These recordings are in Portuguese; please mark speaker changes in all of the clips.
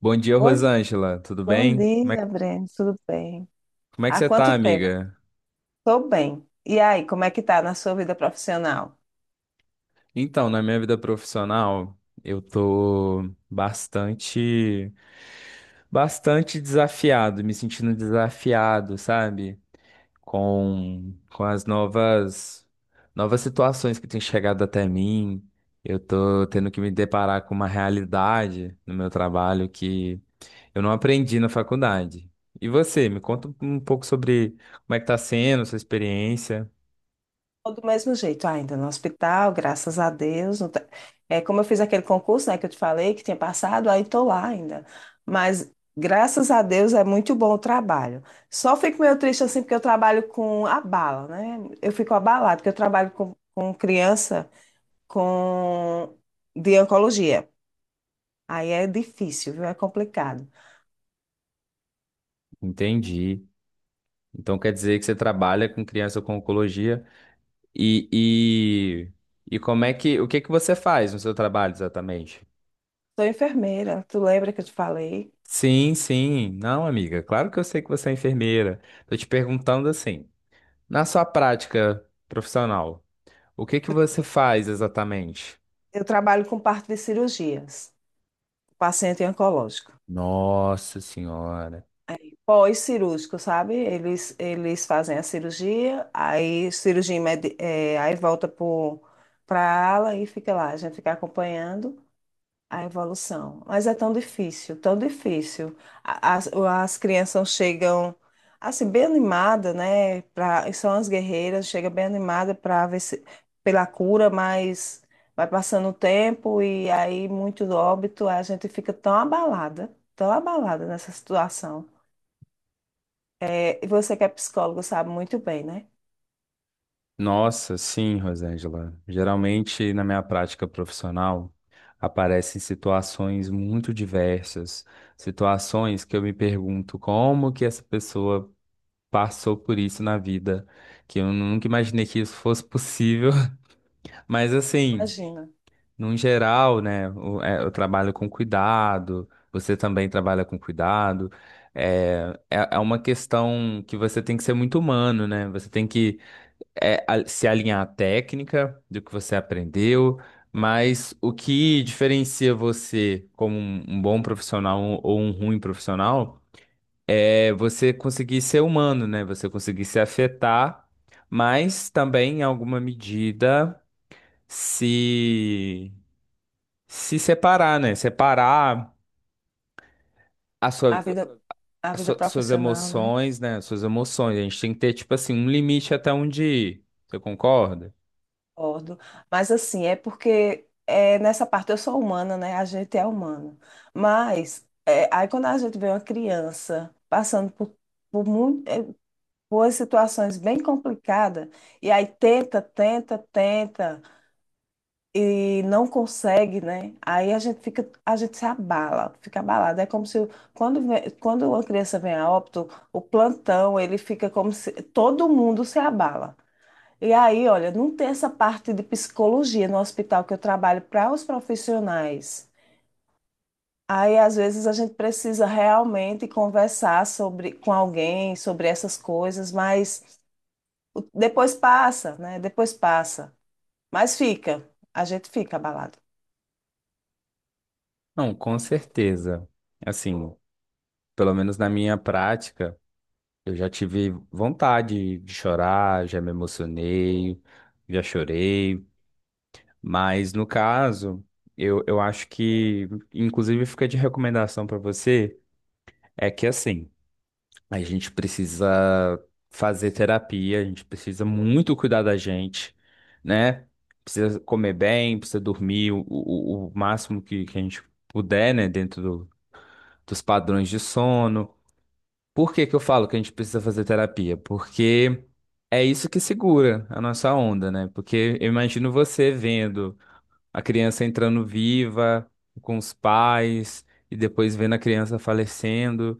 Speaker 1: Bom dia,
Speaker 2: Oi,
Speaker 1: Rosângela. Tudo
Speaker 2: bom
Speaker 1: bem? Como é,
Speaker 2: dia, Breno. Tudo bem?
Speaker 1: como é que
Speaker 2: Há
Speaker 1: você tá,
Speaker 2: quanto tempo?
Speaker 1: amiga?
Speaker 2: Estou bem. E aí, como é que tá na sua vida profissional?
Speaker 1: Então, na minha vida profissional, eu tô bastante, bastante desafiado, me sentindo desafiado, sabe? Com as novas situações que têm chegado até mim. Eu tô tendo que me deparar com uma realidade no meu trabalho que eu não aprendi na faculdade. E você, me conta um pouco sobre como é que tá sendo a sua experiência.
Speaker 2: Tô do mesmo jeito, ainda no hospital, graças a Deus. Não tá- É, como eu fiz aquele concurso, né, que eu te falei que tinha passado, aí estou lá ainda. Mas graças a Deus é muito bom o trabalho. Só fico meio triste assim porque eu trabalho com a bala, né? Eu fico abalada porque eu trabalho com criança com de oncologia. Aí é difícil, viu? É complicado.
Speaker 1: Entendi. Então quer dizer que você trabalha com criança com oncologia e, e, e como é que, o que que você faz no seu trabalho exatamente?
Speaker 2: Sou enfermeira, tu lembra que eu te falei?
Speaker 1: Sim, sim. Não, amiga, claro que eu sei que você é enfermeira. Tô te perguntando assim, na sua prática profissional, o que que você faz exatamente?
Speaker 2: Eu trabalho com parte de cirurgias, paciente oncológico.
Speaker 1: Nossa Senhora.
Speaker 2: Pós-cirúrgico, sabe? Eles fazem a cirurgia, aí cirurgia, aí volta para a ala e fica lá, a gente fica acompanhando a evolução. Mas é tão difícil, tão difícil. As crianças chegam assim, bem animada, né? São as guerreiras, chega bem animada para ver se, pela cura, mas vai passando o tempo e aí muito óbito, a gente fica tão abalada nessa situação. É, e você que é psicólogo sabe muito bem, né?
Speaker 1: Nossa, sim, Rosângela. Geralmente, na minha prática profissional, aparecem situações muito diversas, situações que eu me pergunto como que essa pessoa passou por isso na vida, que eu nunca imaginei que isso fosse possível. Mas assim,
Speaker 2: Imagina.
Speaker 1: num geral, né, eu trabalho com cuidado, você também trabalha com cuidado. É uma questão que você tem que ser muito humano, né? Você tem que se alinhar à técnica do que você aprendeu, mas o que diferencia você como um bom profissional ou um ruim profissional é você conseguir ser humano, né? Você conseguir se afetar, mas também, em alguma medida, se, se separar, né? Separar a
Speaker 2: A
Speaker 1: sua,
Speaker 2: vida, a vida
Speaker 1: suas
Speaker 2: profissional, né?
Speaker 1: emoções, né? Suas emoções. A gente tem que ter, tipo assim, um limite até onde ir. Você concorda?
Speaker 2: Concordo, mas assim, é porque nessa parte eu sou humana, né? A gente é humano. Mas aí quando a gente vê uma criança passando muito, por situações bem complicadas, e aí tenta, tenta, tenta, e não consegue, né? Aí a gente fica, a gente se abala, fica abalada. É como se quando uma criança vem a óbito, o plantão, ele fica como se todo mundo se abala. E aí, olha, não tem essa parte de psicologia no hospital que eu trabalho para os profissionais. Aí, às vezes, a gente precisa realmente conversar sobre, com alguém sobre essas coisas, mas depois passa, né? Depois passa. Mas fica, a gente fica abalado.
Speaker 1: Não, com certeza. Assim, pelo menos na minha prática, eu já tive vontade de chorar, já me emocionei, já chorei. Mas no caso, eu acho que, inclusive, fica de recomendação para você, é que assim, a gente precisa fazer terapia, a gente precisa muito cuidar da gente, né? Precisa comer bem, precisa dormir o máximo que a gente puder, né? Dos padrões de sono. Por que que eu falo que a gente precisa fazer terapia? Porque é isso que segura a nossa onda, né? Porque eu imagino você vendo a criança entrando viva com os pais e depois vendo a criança falecendo.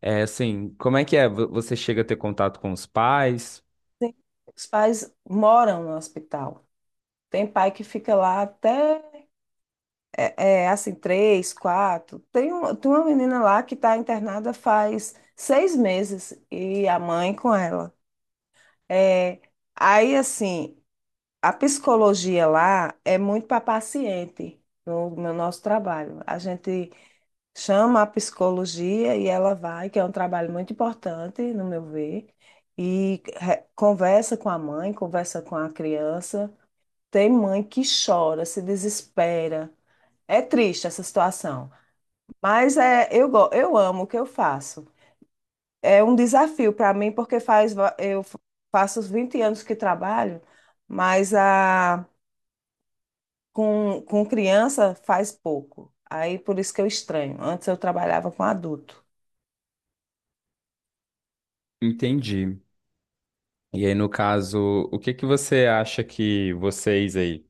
Speaker 1: É assim, como é que é? Você chega a ter contato com os pais?
Speaker 2: Tem- Os pais moram no hospital. Tem pai que fica lá até, assim, três, quatro. Tem uma menina lá que está internada faz 6 meses e a mãe com ela. É, aí, assim, a psicologia lá é muito para paciente no nosso trabalho. A gente chama a psicologia e ela vai, que é um trabalho muito importante, no meu ver, e conversa com a mãe, conversa com a criança. Tem mãe que chora, se desespera. É triste essa situação, mas eu amo o que eu faço, é um desafio para mim, porque faz, va- eu fa- faço os 20 anos que trabalho, mas com criança faz pouco. Aí por isso que eu estranho. Antes eu trabalhava com adulto.
Speaker 1: Entendi. E aí, no caso, o que que você acha que vocês aí,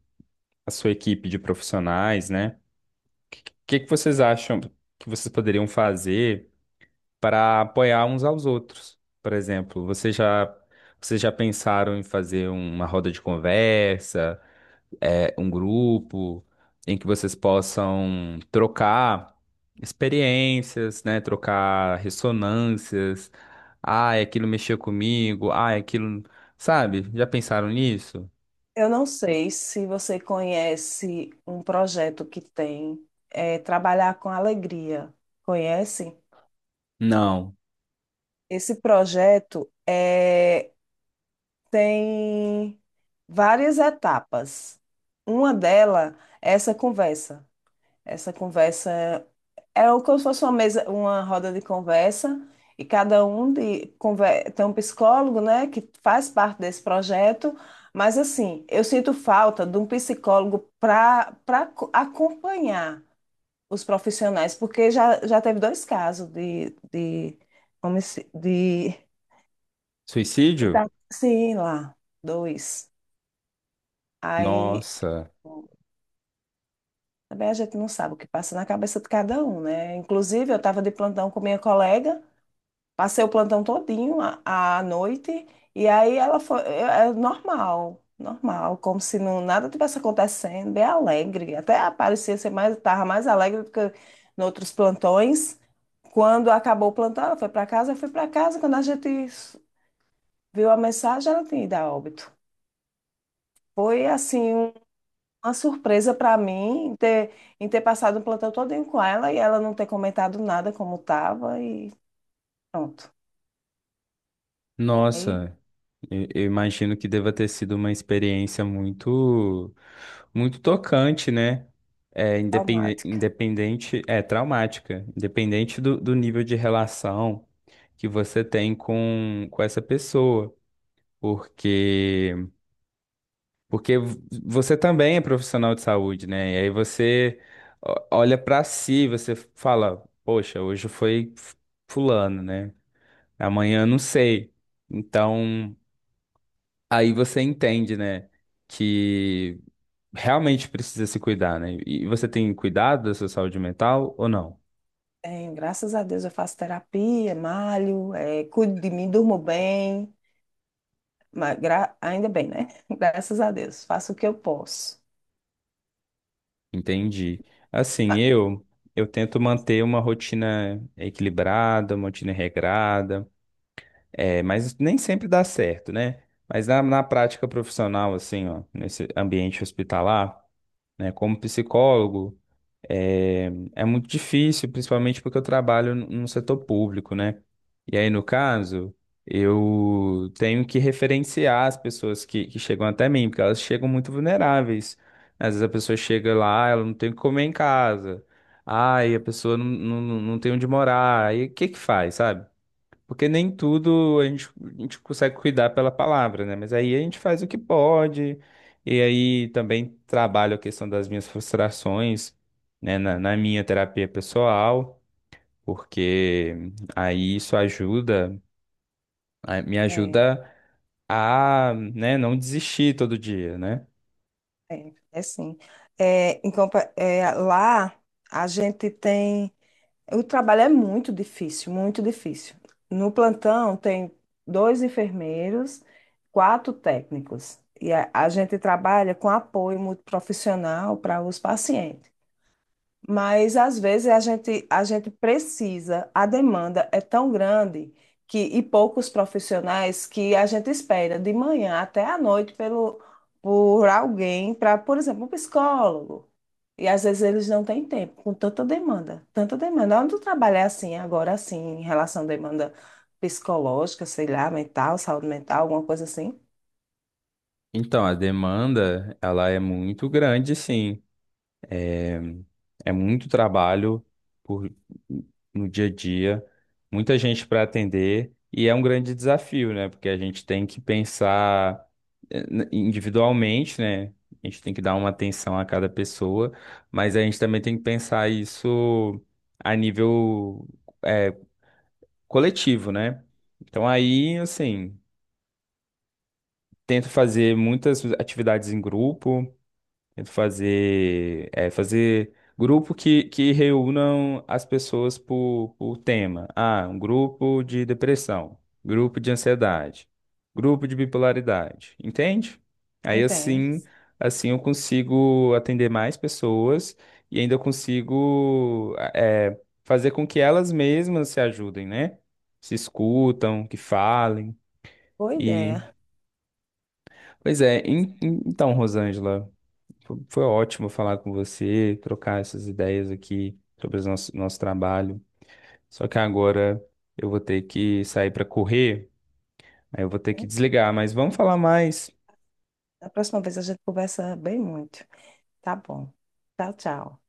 Speaker 1: a sua equipe de profissionais, né? O que que vocês acham que vocês poderiam fazer para apoiar uns aos outros? Por exemplo, vocês já pensaram em fazer uma roda de conversa, é, um grupo em que vocês possam trocar experiências, né? Trocar ressonâncias. Ah, aquilo mexeu comigo. Ah, aquilo. Sabe? Já pensaram nisso?
Speaker 2: Eu não sei se você conhece um projeto que tem, Trabalhar com Alegria. Conhece?
Speaker 1: Não.
Speaker 2: Esse projeto tem várias etapas. Uma delas é essa conversa. Essa conversa é como se fosse uma mesa, uma roda de conversa, e cada um tem um psicólogo, né, que faz parte desse projeto, mas assim, eu sinto falta de um psicólogo para acompanhar os profissionais, porque já teve dois casos de, de, homici- de,
Speaker 1: Suicídio?
Speaker 2: tá- sim, lá, dois. Aí
Speaker 1: Nossa,
Speaker 2: também a gente não sabe o que passa na cabeça de cada um, né? Inclusive, eu estava de plantão com minha colega. Passei o plantão todinho à noite e aí ela foi, normal, normal, como se não nada tivesse acontecendo, bem alegre, até parecia ser mais, tava mais alegre do que em outros plantões. Quando acabou o plantão, ela foi para casa, eu fui para casa, quando a gente viu a mensagem, ela tinha ido a óbito. Foi assim uma surpresa para mim em ter, passado o plantão todinho com ela e ela não ter comentado nada como estava e pronto. Aí,
Speaker 1: nossa. Eu imagino que deva ter sido uma experiência muito, muito tocante, né? É,
Speaker 2: traumático.
Speaker 1: independente, é traumática, independente do, do nível de relação que você tem com essa pessoa, porque você também é profissional de saúde, né? E aí você olha pra si, você fala, poxa, hoje foi fulano, né? Amanhã eu não sei. Então aí você entende, né, que realmente precisa se cuidar, né? E você tem cuidado da sua saúde mental ou não?
Speaker 2: Tenho, graças a Deus eu faço terapia, malho, cuido de mim, durmo bem, mas ainda bem, né? Graças a Deus, faço o que eu posso.
Speaker 1: Entendi. Assim,
Speaker 2: Ah,
Speaker 1: eu tento manter uma rotina equilibrada, uma rotina regrada, é, mas nem sempre dá certo, né? Mas na, na prática profissional, assim, ó, nesse ambiente hospitalar, né, como psicólogo, é é muito difícil, principalmente porque eu trabalho no setor público, né? E aí, no caso, eu tenho que referenciar as pessoas que chegam até mim, porque elas chegam muito vulneráveis. Às vezes a pessoa chega lá, ela não tem o que comer em casa. Ai, a pessoa não tem onde morar. Aí o que que faz, sabe? Porque nem tudo a gente consegue cuidar pela palavra, né? Mas aí a gente faz o que pode, e aí também trabalho a questão das minhas frustrações, né, na minha terapia pessoal, porque aí isso ajuda, me
Speaker 2: É,
Speaker 1: ajuda a, né, não desistir todo dia, né?
Speaker 2: sim. Lá a gente tem. O trabalho é muito difícil, muito difícil. No plantão tem dois enfermeiros, quatro técnicos. E a gente trabalha com apoio muito profissional para os pacientes. Mas às vezes a gente precisa, a demanda é tão grande que, e poucos profissionais que a gente espera de manhã até à noite por alguém, para, por exemplo, um psicólogo. E às vezes eles não têm tempo, com tanta demanda, tanta demanda. Onde tu trabalha assim, agora assim, em relação à demanda psicológica, sei lá, mental, saúde mental, alguma coisa assim?
Speaker 1: Então, a demanda, ela é muito grande, sim. É muito trabalho por, no dia a dia, muita gente para atender, e é um grande desafio, né? Porque a gente tem que pensar individualmente, né? A gente tem que dar uma atenção a cada pessoa, mas a gente também tem que pensar isso a nível, eh, coletivo, né? Então aí, assim, tento fazer muitas atividades em grupo. Tento fazer, é, fazer grupo que reúnam as pessoas por tema. Ah, um grupo de depressão, grupo de ansiedade, grupo de bipolaridade, entende? Aí
Speaker 2: Entende?
Speaker 1: assim, assim eu consigo atender mais pessoas e ainda consigo fazer com que elas mesmas se ajudem, né? Se escutam, que falem.
Speaker 2: Boa
Speaker 1: E,
Speaker 2: ideia.
Speaker 1: pois é, então, Rosângela. Foi ótimo falar com você, trocar essas ideias aqui sobre o nosso, nosso trabalho. Só que agora eu vou ter que sair para correr, aí eu vou ter que desligar, mas vamos falar mais.
Speaker 2: Da próxima vez a gente conversa bem muito. Tá bom. Tchau, tchau.